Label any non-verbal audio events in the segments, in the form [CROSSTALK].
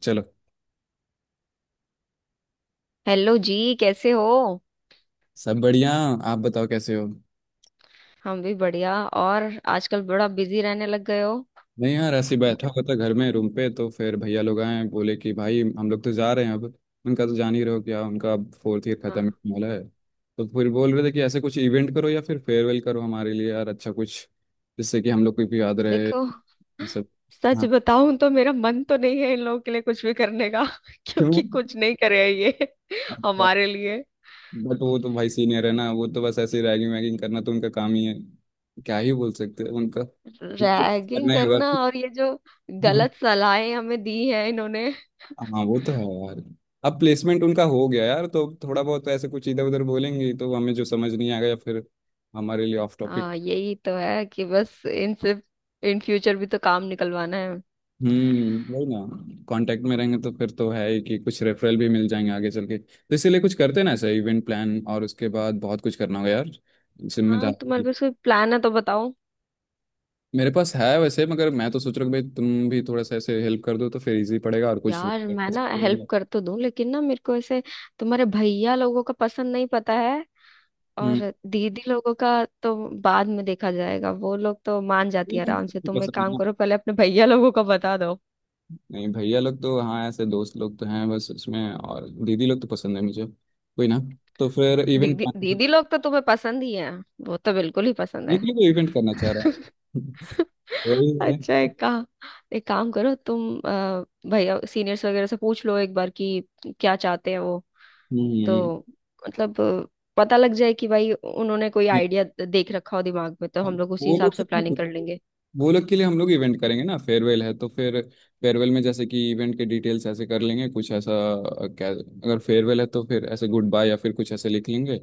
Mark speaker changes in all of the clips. Speaker 1: चलो।
Speaker 2: हेलो जी। कैसे हो?
Speaker 1: सब बढ़िया। आप बताओ कैसे हो।
Speaker 2: हम भी बढ़िया। और आजकल बड़ा बिजी रहने लग गए हो।
Speaker 1: मैं यार ऐसे ही बैठा हुआ था घर में रूम पे, तो फिर भैया लोग आए, बोले कि भाई हम लोग तो जा रहे हैं अब। उनका तो जान ही रहो, क्या उनका, अब फोर्थ ईयर
Speaker 2: हाँ।
Speaker 1: खत्म होने वाला है। तो फिर बोल रहे थे कि ऐसे कुछ इवेंट करो या फिर फेयरवेल करो हमारे लिए यार, अच्छा कुछ जिससे कि हम लोग को भी याद रहे
Speaker 2: देखो,
Speaker 1: ये सब।
Speaker 2: सच
Speaker 1: हाँ।
Speaker 2: बताऊं तो मेरा मन तो नहीं है इन लोगों के लिए कुछ भी करने का [LAUGHS]
Speaker 1: क्यों।
Speaker 2: क्योंकि कुछ नहीं करे हैं ये [LAUGHS]
Speaker 1: अच्छा।
Speaker 2: हमारे लिए।
Speaker 1: बट वो तो भाई सीनियर है ना, वो तो बस ऐसे रैगिंग वैगिंग करना तो उनका काम ही है। क्या ही बोल सकते हैं उनका।
Speaker 2: रैगिंग
Speaker 1: करना ही होगा।
Speaker 2: करना और ये जो गलत सलाहें हमें दी हैं इन्होंने।
Speaker 1: हाँ वो तो है यार। अब प्लेसमेंट उनका हो गया यार तो थोड़ा बहुत ऐसे कुछ इधर उधर बोलेंगे तो हमें जो समझ नहीं आएगा, या फिर हमारे लिए ऑफ टॉपिक।
Speaker 2: हाँ, यही तो है कि बस इनसे इन फ्यूचर भी तो काम निकलवाना है।
Speaker 1: हम्म, वही ना। कांटेक्ट में रहेंगे तो फिर तो है ही कि कुछ रेफरल भी मिल जाएंगे आगे चल के, तो इसीलिए कुछ करते हैं ना ऐसा इवेंट प्लान, और उसके बाद बहुत कुछ करना होगा यार,
Speaker 2: हाँ, तुम्हारे
Speaker 1: जिम्मेदारी।
Speaker 2: पास कोई प्लान है तो बताओ।
Speaker 1: मेरे पास है वैसे, मगर मैं तो सोच रहा हूँ भाई तुम भी थोड़ा सा ऐसे हेल्प कर दो तो फिर इजी पड़ेगा और कुछ
Speaker 2: यार, मैं ना
Speaker 1: [LAUGHS]
Speaker 2: हेल्प कर तो दूं लेकिन ना मेरे को ऐसे तुम्हारे भैया लोगों का पसंद नहीं पता है।
Speaker 1: हम्म।
Speaker 2: और दीदी लोगों का तो बाद में देखा जाएगा, वो लोग तो मान जाती है आराम से। तुम एक काम करो, पहले अपने भैया लोगों का बता दो।
Speaker 1: नहीं भैया लोग तो हाँ ऐसे दोस्त लोग तो हैं बस उसमें, और दीदी लोग तो पसंद है मुझे कोई ना। तो फिर इवेंट
Speaker 2: दीदी दीदी लोग तो तुम्हें पसंद ही है, वो तो बिल्कुल ही पसंद
Speaker 1: ये
Speaker 2: है।
Speaker 1: क्यों इवेंट करना चाह रहा
Speaker 2: [LAUGHS]
Speaker 1: है [LAUGHS] वही है।
Speaker 2: अच्छा, एक काम। एक काम करो तुम, भैया सीनियर्स वगैरह से पूछ लो एक बार कि क्या चाहते हैं वो।
Speaker 1: हम्म।
Speaker 2: तो मतलब पता लग जाए कि भाई उन्होंने कोई आइडिया देख रखा हो दिमाग में, तो हम लोग उसी
Speaker 1: वो
Speaker 2: हिसाब
Speaker 1: लोग
Speaker 2: से प्लानिंग
Speaker 1: से-
Speaker 2: कर लेंगे।
Speaker 1: वो लोग के लिए हम लोग इवेंट करेंगे ना, फेयरवेल है तो फिर फेयरवेल में जैसे कि इवेंट के डिटेल्स ऐसे कर लेंगे कुछ ऐसा, क्या अगर फेयरवेल है तो फिर ऐसे गुड बाय या फिर कुछ ऐसे लिख लेंगे,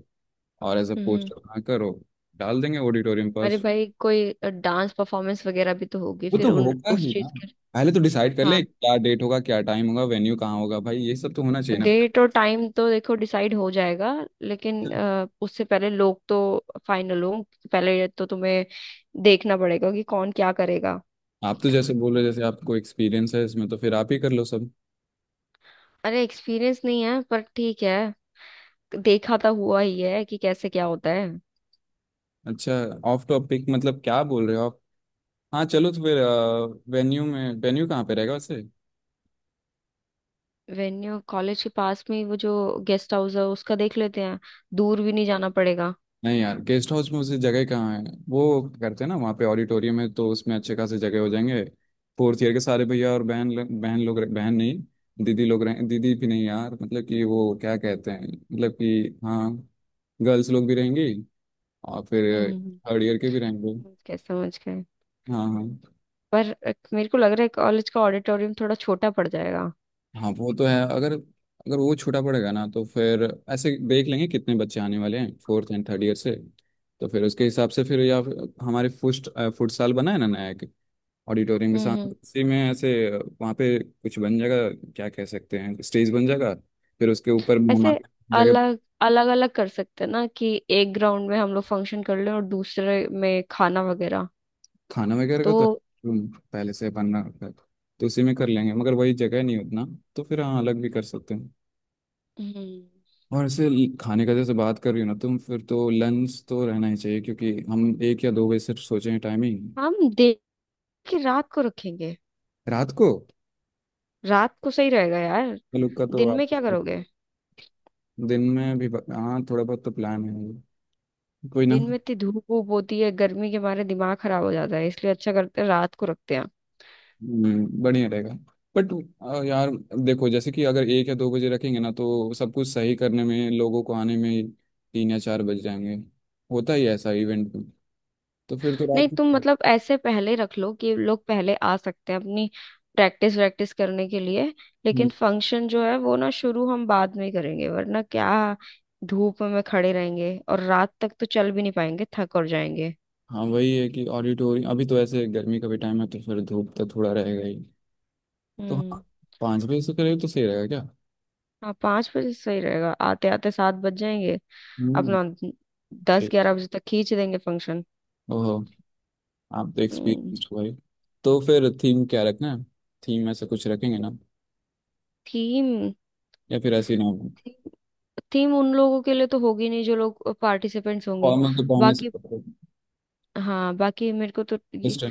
Speaker 1: और ऐसे
Speaker 2: हम्म।
Speaker 1: पोस्टर बनाकर वो डाल देंगे ऑडिटोरियम पर।
Speaker 2: अरे भाई, कोई डांस परफॉर्मेंस वगैरह भी तो होगी
Speaker 1: वो
Speaker 2: फिर
Speaker 1: तो
Speaker 2: उन
Speaker 1: होगा
Speaker 2: उस
Speaker 1: ही ना।
Speaker 2: चीज के।
Speaker 1: पहले तो डिसाइड कर
Speaker 2: हाँ,
Speaker 1: लें क्या डेट होगा, क्या टाइम होगा, वेन्यू कहाँ होगा, भाई ये सब तो होना चाहिए ना।
Speaker 2: डेट और टाइम तो देखो डिसाइड हो जाएगा, लेकिन उससे पहले लोग तो फाइनल हो। पहले तो तुम्हें देखना पड़ेगा कि कौन क्या करेगा।
Speaker 1: आप तो जैसे बोल रहे हो जैसे आपको एक्सपीरियंस है इसमें, तो फिर आप ही कर लो सब।
Speaker 2: अरे एक्सपीरियंस नहीं है पर ठीक है, देखा तो हुआ ही है कि कैसे क्या होता है।
Speaker 1: अच्छा। ऑफ टॉपिक मतलब क्या बोल रहे हो आप। हाँ चलो तो फिर वेन्यू में, वेन्यू कहाँ पे रहेगा वैसे।
Speaker 2: वेन्यू कॉलेज के पास में ही वो जो गेस्ट हाउस है उसका देख लेते हैं, दूर भी नहीं जाना पड़ेगा।
Speaker 1: नहीं यार, गेस्ट हाउस में उसे जगह कहाँ है, वो करते हैं ना वहाँ पे ऑडिटोरियम है तो उसमें अच्छे खासे जगह हो जाएंगे। फोर्थ ईयर के सारे भैया और बहन लोग रह- बहन नहीं दीदी लोग रहे, दीदी भी नहीं यार मतलब कि वो क्या कहते हैं मतलब कि हाँ गर्ल्स लोग भी रहेंगी, और फिर
Speaker 2: हम्म।
Speaker 1: थर्ड ईयर के भी रहेंगे।
Speaker 2: क्या समझ गए।
Speaker 1: हाँ हाँ।
Speaker 2: पर मेरे को लग रहा है कॉलेज का ऑडिटोरियम थोड़ा छोटा पड़ जाएगा।
Speaker 1: हाँ वो तो है, अगर अगर वो छोटा पड़ेगा ना तो फिर ऐसे देख लेंगे कितने बच्चे आने वाले हैं फोर्थ एंड थर्ड ईयर से, तो फिर उसके हिसाब से फिर, या फिर हमारे फुटसाल बना है ना नया, ऑडिटोरियम के साथ
Speaker 2: हम्म।
Speaker 1: उसी में ऐसे वहाँ पे कुछ बन जाएगा, क्या कह सकते हैं स्टेज बन जाएगा फिर उसके ऊपर
Speaker 2: ऐसे
Speaker 1: मेहमान जगह।
Speaker 2: अलग अलग अलग कर सकते हैं ना कि एक ग्राउंड में हम लोग फंक्शन कर लें और दूसरे में खाना वगैरह।
Speaker 1: खाना वगैरह
Speaker 2: तो
Speaker 1: का तो रूम पहले से बनना रखा है, तो उसी में कर लेंगे मगर वही जगह नहीं उतना, तो फिर हाँ अलग भी कर सकते हैं।
Speaker 2: हम्म
Speaker 1: और ऐसे खाने का जैसे बात कर रही हो ना तुम, फिर तो लंच तो रहना ही चाहिए क्योंकि हम 1 या 2 बजे सिर्फ सोचे हैं टाइमिंग।
Speaker 2: हम देख के रात को रखेंगे।
Speaker 1: रात को
Speaker 2: रात को सही रहेगा यार।
Speaker 1: लोग का तो
Speaker 2: दिन
Speaker 1: आप
Speaker 2: में क्या करोगे?
Speaker 1: दिन में भी हाँ थोड़ा बहुत तो प्लान है, कोई ना।
Speaker 2: दिन में इतनी धूप वूप होती है, गर्मी के मारे दिमाग खराब हो जाता है, इसलिए अच्छा करते हैं रात को रखते हैं।
Speaker 1: बढ़िया रहेगा। बट यार देखो जैसे कि अगर 1 या 2 बजे रखेंगे ना तो सब कुछ सही करने में, लोगों को आने में 3 या 4 बज जाएंगे, होता ही है ऐसा इवेंट में, तो फिर तो
Speaker 2: नहीं,
Speaker 1: रात।
Speaker 2: तुम मतलब ऐसे पहले रख लो कि लोग पहले आ सकते हैं अपनी प्रैक्टिस वैक्टिस करने के लिए,
Speaker 1: हम्म।
Speaker 2: लेकिन फंक्शन जो है वो ना शुरू हम बाद में करेंगे, वरना क्या धूप में खड़े रहेंगे और रात तक तो चल भी नहीं पाएंगे, थक और जाएंगे।
Speaker 1: [LAUGHS] हाँ वही है कि ऑडिटोरियम, अभी तो ऐसे गर्मी का भी टाइम है तो फिर धूप तो थोड़ा रहेगा ही। तो
Speaker 2: हम्म।
Speaker 1: हाँ, 5 बजे से करें तो सही रहेगा क्या।
Speaker 2: हाँ, 5 बजे सही रहेगा, आते आते 7 बज जाएंगे।
Speaker 1: हम्म।
Speaker 2: अपना 10
Speaker 1: ठीक।
Speaker 2: 11 बजे तक खींच देंगे फंक्शन।
Speaker 1: ओहो, आप तो
Speaker 2: हम्म।
Speaker 1: एक्सपीरियंस हुआ ही। तो फिर थीम क्या रखना है, थीम ऐसा कुछ रखेंगे ना
Speaker 2: थीम।
Speaker 1: या फिर ऐसे ही ना।
Speaker 2: थीम उन लोगों के लिए तो होगी नहीं जो लोग पार्टिसिपेंट्स होंगे।
Speaker 1: फॉर्मल तो पहनने
Speaker 2: बाकी। हाँ, बाकी मेरे को तो ये
Speaker 1: से।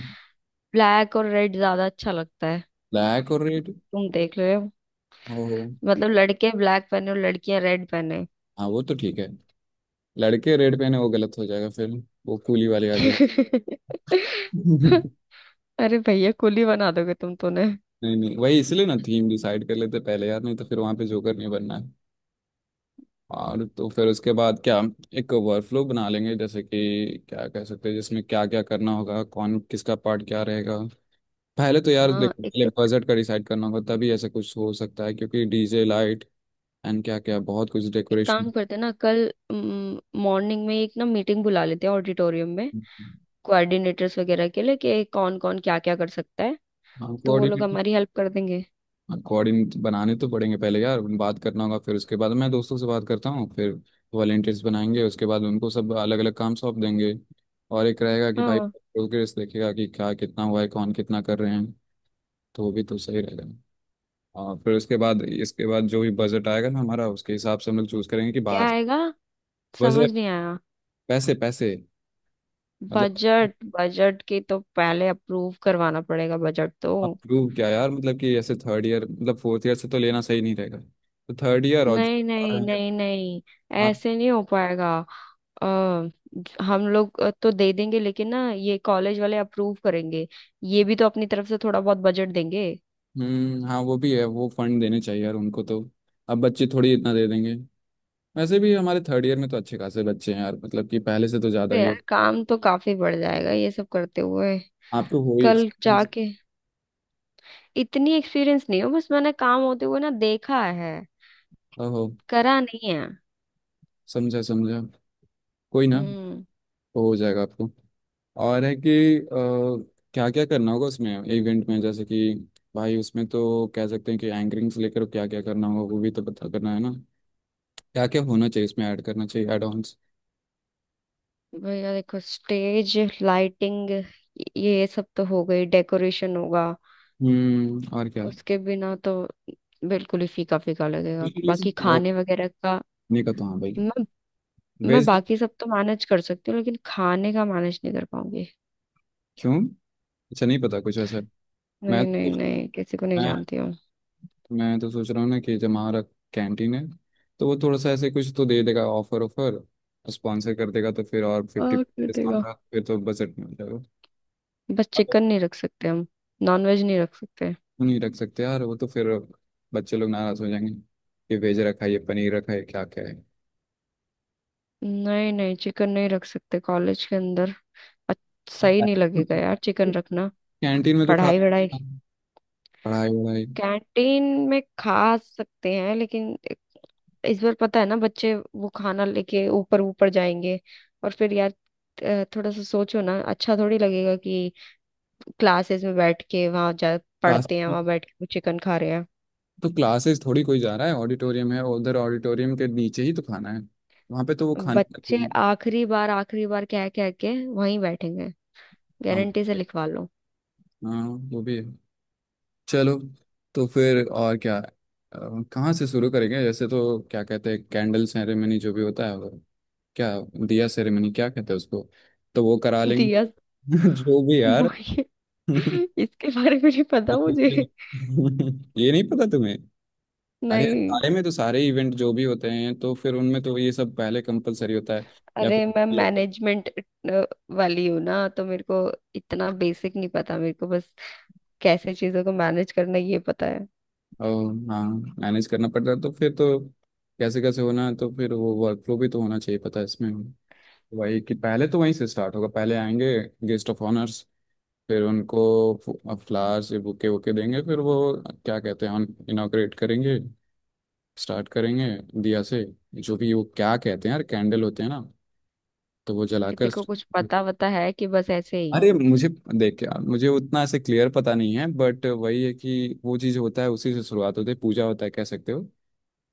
Speaker 2: ब्लैक और रेड ज्यादा अच्छा लगता है।
Speaker 1: ब्लैक और रेड
Speaker 2: तुम देख रहे हो।
Speaker 1: हो।
Speaker 2: मतलब लड़के ब्लैक पहने और लड़कियां रेड पहने।
Speaker 1: हाँ वो तो ठीक है, लड़के रेड पहने वो गलत हो जाएगा फिर, वो कूली वाली आ जाएगी
Speaker 2: [LAUGHS]
Speaker 1: [LAUGHS]
Speaker 2: अरे भैया, कुली बना दोगे तुम तो ने।
Speaker 1: नहीं नहीं वही इसलिए ना थीम डिसाइड कर लेते पहले यार, नहीं तो फिर वहां पे जोकर नहीं बनना है। और तो फिर उसके बाद क्या, एक वर्कफ्लो बना लेंगे जैसे कि क्या कह सकते हैं जिसमें क्या क्या करना होगा कौन किसका पार्ट क्या रहेगा। पहले तो यार
Speaker 2: हाँ।
Speaker 1: देखो पहले
Speaker 2: एक
Speaker 1: बजट का डिसाइड करना होगा तभी ऐसा कुछ हो सकता है, क्योंकि डीजे लाइट एंड क्या क्या बहुत कुछ
Speaker 2: एक
Speaker 1: डेकोरेशन।
Speaker 2: काम करते हैं ना, कल मॉर्निंग में एक ना मीटिंग बुला लेते हैं ऑडिटोरियम में, कोऑर्डिनेटर्स वगैरह के लिए कि कौन कौन क्या क्या कर सकता है,
Speaker 1: हाँ
Speaker 2: तो वो लोग
Speaker 1: कोऑर्डिनेट,
Speaker 2: हमारी हेल्प कर देंगे।
Speaker 1: कोऑर्डिनेट बनाने तो पड़ेंगे पहले यार, बात करना होगा फिर उसके बाद मैं दोस्तों से बात करता हूँ, फिर वॉलेंटियर्स बनाएंगे उसके बाद उनको सब अलग अलग काम सौंप देंगे, और एक रहेगा कि भाई
Speaker 2: हाँ।
Speaker 1: प्रोग्रेस देखेगा कि क्या कितना हुआ है कौन कितना कर रहे हैं, तो वो भी तो सही रहेगा। और फिर उसके बाद इसके बाद जो भी बजट आएगा ना हमारा, उसके हिसाब से हम लोग चूज करेंगे कि
Speaker 2: क्या
Speaker 1: बाहर।
Speaker 2: आएगा? समझ
Speaker 1: बजट,
Speaker 2: नहीं आया।
Speaker 1: पैसे पैसे मतलब।
Speaker 2: बजट? बजट की तो पहले अप्रूव करवाना पड़ेगा बजट तो।
Speaker 1: आप प्रूव क्या यार मतलब कि ऐसे थर्ड ईयर मतलब फोर्थ ईयर से तो लेना सही नहीं रहेगा, तो थर्ड ईयर और
Speaker 2: नहीं नहीं
Speaker 1: जो-।
Speaker 2: नहीं नहीं, ऐसे नहीं हो पाएगा। अ, हम लोग तो दे देंगे, लेकिन ना ये कॉलेज वाले अप्रूव करेंगे, ये भी तो अपनी तरफ से थोड़ा बहुत बजट देंगे।
Speaker 1: हम्म, हाँ वो भी है, वो फंड देने चाहिए यार उनको तो, अब बच्चे थोड़ी इतना दे देंगे। वैसे भी हमारे थर्ड ईयर में तो अच्छे खासे बच्चे हैं यार मतलब कि पहले से तो ज़्यादा
Speaker 2: तो
Speaker 1: ही हो।
Speaker 2: यार, काम तो काफी बढ़ जाएगा ये सब करते हुए।
Speaker 1: आप तो हो ही
Speaker 2: कल
Speaker 1: एक्सपीरियंस।
Speaker 2: जाके इतनी एक्सपीरियंस नहीं हो, बस मैंने काम होते हुए ना देखा है,
Speaker 1: ओहो,
Speaker 2: करा नहीं है।
Speaker 1: समझा समझा। कोई ना,
Speaker 2: हम्म।
Speaker 1: वो हो जाएगा आपको। और है कि क्या क्या करना होगा उसमें इवेंट में, जैसे कि भाई उसमें तो कह सकते हैं कि एंकरिंग से लेकर क्या क्या करना होगा वो भी तो पता करना है ना, क्या क्या होना चाहिए इसमें ऐड करना चाहिए, एड ऑन्स।
Speaker 2: भैया देखो, स्टेज, लाइटिंग, ये सब तो हो गई। डेकोरेशन होगा,
Speaker 1: और क्या।
Speaker 2: उसके बिना तो बिल्कुल ही फीका फीका लगेगा। बाकी खाने वगैरह का
Speaker 1: नहीं। का तो हाँ भाई
Speaker 2: मैं मैं
Speaker 1: वेज।
Speaker 2: बाकी सब तो मैनेज कर सकती हूँ लेकिन खाने का मैनेज नहीं कर पाऊंगी।
Speaker 1: क्यों, अच्छा नहीं पता कुछ ऐसा। मैं
Speaker 2: नहीं नहीं
Speaker 1: तो
Speaker 2: नहीं, किसी को नहीं
Speaker 1: मैं
Speaker 2: जानती हूँ।
Speaker 1: मैं तो सोच रहा हूँ ना कि जब हमारा कैंटीन है तो वो थोड़ा सा ऐसे कुछ तो दे देगा ऑफर, ऑफर स्पॉन्सर कर देगा तो फिर और 50
Speaker 2: और
Speaker 1: डिस्काउंट
Speaker 2: पिटेगा।
Speaker 1: का फिर तो बजट में हो जाएगा।
Speaker 2: बस
Speaker 1: अब
Speaker 2: चिकन नहीं रख सकते हम, नॉनवेज नहीं रख सकते।
Speaker 1: वो नहीं रख सकते यार, वो तो फिर बच्चे लोग नाराज हो जाएंगे कि वेज रखा है ये पनीर रखा है क्या क्या है।
Speaker 2: नहीं नहीं, चिकन नहीं रख सकते कॉलेज के अंदर। सही नहीं लगेगा यार चिकन रखना।
Speaker 1: कैंटीन में तो खा,
Speaker 2: पढ़ाई वढ़ाई
Speaker 1: पढ़ाई वढ़ाई।
Speaker 2: कैंटीन में खा सकते हैं, लेकिन इस बार पता है ना बच्चे वो खाना लेके ऊपर ऊपर जाएंगे, और फिर यार थोड़ा सा सोचो ना, अच्छा थोड़ी लगेगा कि क्लासेस में बैठ के वहां जा
Speaker 1: क्लास,
Speaker 2: पढ़ते हैं वहां बैठ के वो चिकन खा रहे हैं।
Speaker 1: तो क्लासेस थोड़ी कोई जा रहा है, ऑडिटोरियम है उधर, ऑडिटोरियम के नीचे ही तो खाना है, वहाँ पे तो वो खाने
Speaker 2: बच्चे
Speaker 1: का-
Speaker 2: आखिरी बार कह कह के वहीं बैठेंगे,
Speaker 1: हाँ
Speaker 2: गारंटी से लिखवा लो।
Speaker 1: हाँ वो भी है। चलो तो फिर और क्या है? कहाँ से शुरू करेंगे जैसे, तो क्या कहते हैं कैंडल सेरेमनी जो भी होता है वो, क्या दिया सेरेमनी क्या कहते हैं उसको, तो वो करा
Speaker 2: [LAUGHS]
Speaker 1: लेंगे।
Speaker 2: दिया।
Speaker 1: [LAUGHS] जो भी यार
Speaker 2: माहिर,
Speaker 1: [LAUGHS]
Speaker 2: इसके बारे में नहीं पता मुझे।
Speaker 1: ये नहीं पता तुम्हें। अरे यार,
Speaker 2: नहीं।
Speaker 1: सारे में तो सारे इवेंट जो भी होते हैं तो फिर उनमें तो ये सब पहले कंपलसरी होता है। या
Speaker 2: अरे
Speaker 1: फिर
Speaker 2: मैं मैनेजमेंट वाली हूँ ना, तो मेरे को इतना बेसिक नहीं पता। मेरे को बस कैसे चीजों को मैनेज करना ये पता है।
Speaker 1: हाँ मैनेज करना पड़ता है तो फिर तो कैसे कैसे होना है तो फिर वो वर्कफ्लो भी तो होना चाहिए पता है इसमें। वही कि पहले तो वहीं से स्टार्ट होगा, पहले आएंगे गेस्ट ऑफ ऑनर्स, फिर उनको फ्लावर्स ये बुके वुके देंगे, फिर वो क्या कहते हैं इनॉग्रेट करेंगे, स्टार्ट करेंगे दिया से, जो भी वो क्या कहते हैं यार कैंडल होते हैं ना, तो वो जलाकर।
Speaker 2: देखो कुछ पता वता है कि बस ऐसे ही?
Speaker 1: अरे मुझे, देख यार मुझे उतना ऐसे क्लियर पता नहीं है, बट वही है कि वो चीज़ होता है उसी से शुरुआत होती है पूजा होता है कह सकते हो।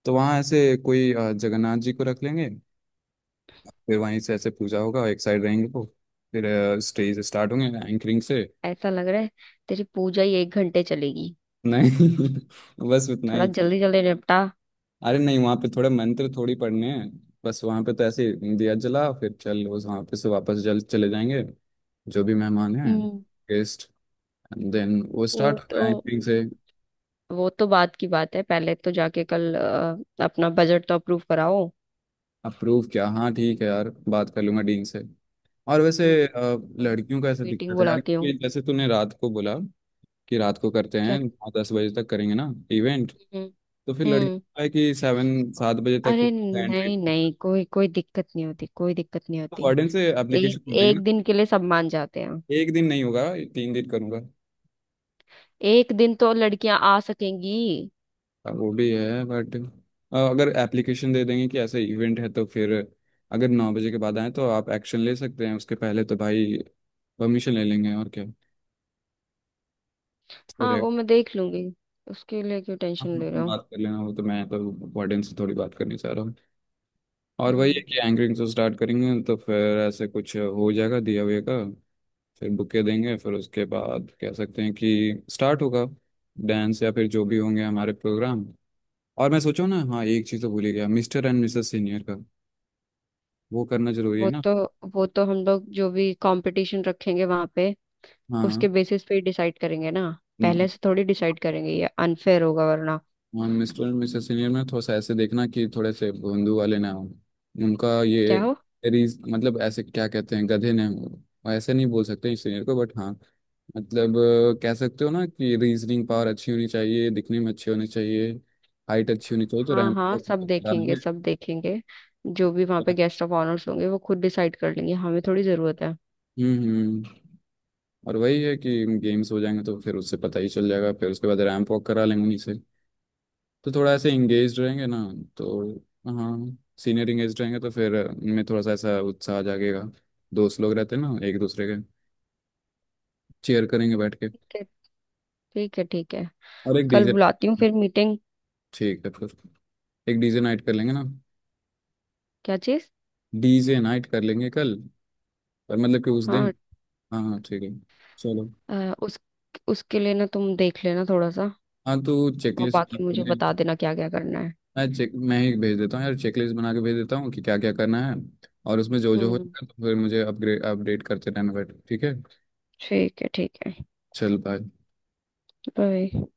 Speaker 1: तो वहाँ ऐसे कोई जगन्नाथ जी को रख लेंगे, फिर वहीं से ऐसे पूजा होगा, एक साइड रहेंगे वो, फिर स्टेज स्टार्ट होंगे एंकरिंग से।
Speaker 2: ऐसा लग रहा है तेरी पूजा ही 1 घंटे चलेगी,
Speaker 1: नहीं [LAUGHS] बस उतना
Speaker 2: थोड़ा
Speaker 1: ही था।
Speaker 2: जल्दी जल्दी निपटा।
Speaker 1: अरे नहीं वहां पे थोड़े मंत्र थोड़ी पढ़ने हैं, बस वहां पे तो ऐसे ही दिया जला फिर चल उस वहां पे से वापस जल चले जाएंगे जो भी मेहमान हैं
Speaker 2: हम्म।
Speaker 1: गेस्ट, एंड देन वो
Speaker 2: वो
Speaker 1: स्टार्ट
Speaker 2: तो
Speaker 1: होगा एंकरिंग से।
Speaker 2: वो तो बात की बात है, पहले तो जाके कल अपना बजट तो अप्रूव कराओ।
Speaker 1: अप्रूव किया हाँ ठीक है यार, बात कर लूंगा डीन से। और वैसे
Speaker 2: हम्म, कल
Speaker 1: लड़कियों का
Speaker 2: मैं
Speaker 1: ऐसा
Speaker 2: मीटिंग
Speaker 1: दिक्कत है यार
Speaker 2: बुलाती हूँ।
Speaker 1: कि जैसे तूने रात को बोला कि रात को करते
Speaker 2: क्या?
Speaker 1: हैं 9-10 बजे तक करेंगे ना इवेंट,
Speaker 2: हम्म
Speaker 1: तो फिर लड़कियों
Speaker 2: हम्म।
Speaker 1: का है कि 7 बजे
Speaker 2: अरे
Speaker 1: तक एंट्री,
Speaker 2: नहीं नहीं, कोई कोई दिक्कत नहीं होती, कोई दिक्कत नहीं होती।
Speaker 1: वार्डन से
Speaker 2: एक
Speaker 1: एप्लीकेशन देंगे ना।
Speaker 2: एक दिन के लिए सब मान जाते हैं,
Speaker 1: एक दिन नहीं होगा, 3 दिन करूंगा।
Speaker 2: एक दिन तो लड़कियां आ सकेंगी।
Speaker 1: हाँ, वो भी है बट अगर एप्लीकेशन दे देंगे कि ऐसा इवेंट है तो फिर अगर 9 बजे के बाद आए तो आप एक्शन ले सकते हैं, उसके पहले तो भाई परमिशन ले लेंगे और क्या।
Speaker 2: हाँ,
Speaker 1: फिर
Speaker 2: वो मैं देख लूंगी, उसके लिए क्यों
Speaker 1: आप
Speaker 2: टेंशन ले रहा हूँ।
Speaker 1: बात कर लेना वो तो, मैं तो वार्डन से थोड़ी बात करनी चाह रहा हूँ। और वही
Speaker 2: हम्म।
Speaker 1: है कि एंकरिंग से स्टार्ट करेंगे तो फिर ऐसे कुछ हो जाएगा दिया हुए का, फिर बुके देंगे फिर उसके बाद कह सकते हैं कि स्टार्ट होगा डांस या फिर जो भी होंगे हमारे प्रोग्राम। और मैं सोचो ना हाँ, एक चीज़ तो भूल ही गया मिस्टर एंड मिसेस सीनियर का, वो करना जरूरी है
Speaker 2: वो
Speaker 1: ना।
Speaker 2: तो वो तो हम लोग जो भी कंपटीशन रखेंगे वहां पे
Speaker 1: हाँ
Speaker 2: उसके बेसिस पे ही डिसाइड करेंगे ना, पहले
Speaker 1: ना।
Speaker 2: से थोड़ी डिसाइड करेंगे, ये अनफेयर होगा वरना।
Speaker 1: हाँ मिस्टर एंड मिसेस सीनियर में थोड़ा सा ऐसे देखना कि थोड़े से भोंदू वाले ना हो, उनका ये
Speaker 2: क्या हो?
Speaker 1: रीज मतलब ऐसे क्या कहते हैं गधे ना हो, और ऐसे नहीं बोल सकते इस सीनियर को बट हाँ मतलब कह सकते हो ना कि रीजनिंग पावर अच्छी होनी चाहिए, दिखने में अच्छे होने चाहिए, हाइट अच्छी होनी चाहिए तो
Speaker 2: हाँ
Speaker 1: रैंक
Speaker 2: हाँ, सब
Speaker 1: तक
Speaker 2: देखेंगे
Speaker 1: डालेंगे।
Speaker 2: सब देखेंगे। जो भी वहां पे गेस्ट ऑफ ऑनर्स होंगे वो खुद डिसाइड कर लेंगे, हमें थोड़ी जरूरत
Speaker 1: हम्म। और वही है कि गेम्स हो जाएंगे तो फिर उससे पता ही चल जाएगा, फिर उसके बाद रैंप वॉक करा लेंगे उन्हीं से, तो थोड़ा ऐसे इंगेज रहेंगे ना, तो हाँ सीनियर इंगेज रहेंगे तो फिर उनमें थोड़ा सा ऐसा उत्साह आ जाएगा, दोस्त लोग रहते हैं ना एक दूसरे के चेयर करेंगे बैठ के।
Speaker 2: है। ठीक है ठीक है।
Speaker 1: और एक
Speaker 2: कल
Speaker 1: डीजे।
Speaker 2: बुलाती हूँ फिर मीटिंग।
Speaker 1: ठीक है फिर, एक डीजे नाइट कर लेंगे ना।
Speaker 2: क्या चीज़?
Speaker 1: डीजे नाइट कर लेंगे कल, पर मतलब कि उस दिन।
Speaker 2: हाँ
Speaker 1: हाँ हाँ ठीक है, चलो।
Speaker 2: अ, उस उसके लिए ना तुम देख लेना थोड़ा सा,
Speaker 1: हाँ तो
Speaker 2: और
Speaker 1: चेकलिस्ट,
Speaker 2: बाकी मुझे बता देना क्या क्या करना है।
Speaker 1: मैं ही भेज देता हूँ यार चेकलिस्ट बना के भेज देता हूँ कि क्या क्या करना है, और उसमें जो जो
Speaker 2: हम्म।
Speaker 1: होगा तो फिर मुझे अपग्रेड अपडेट करते रहना, बैठ ठीक है।
Speaker 2: ठीक है ठीक है।
Speaker 1: चल बाय।
Speaker 2: बाय।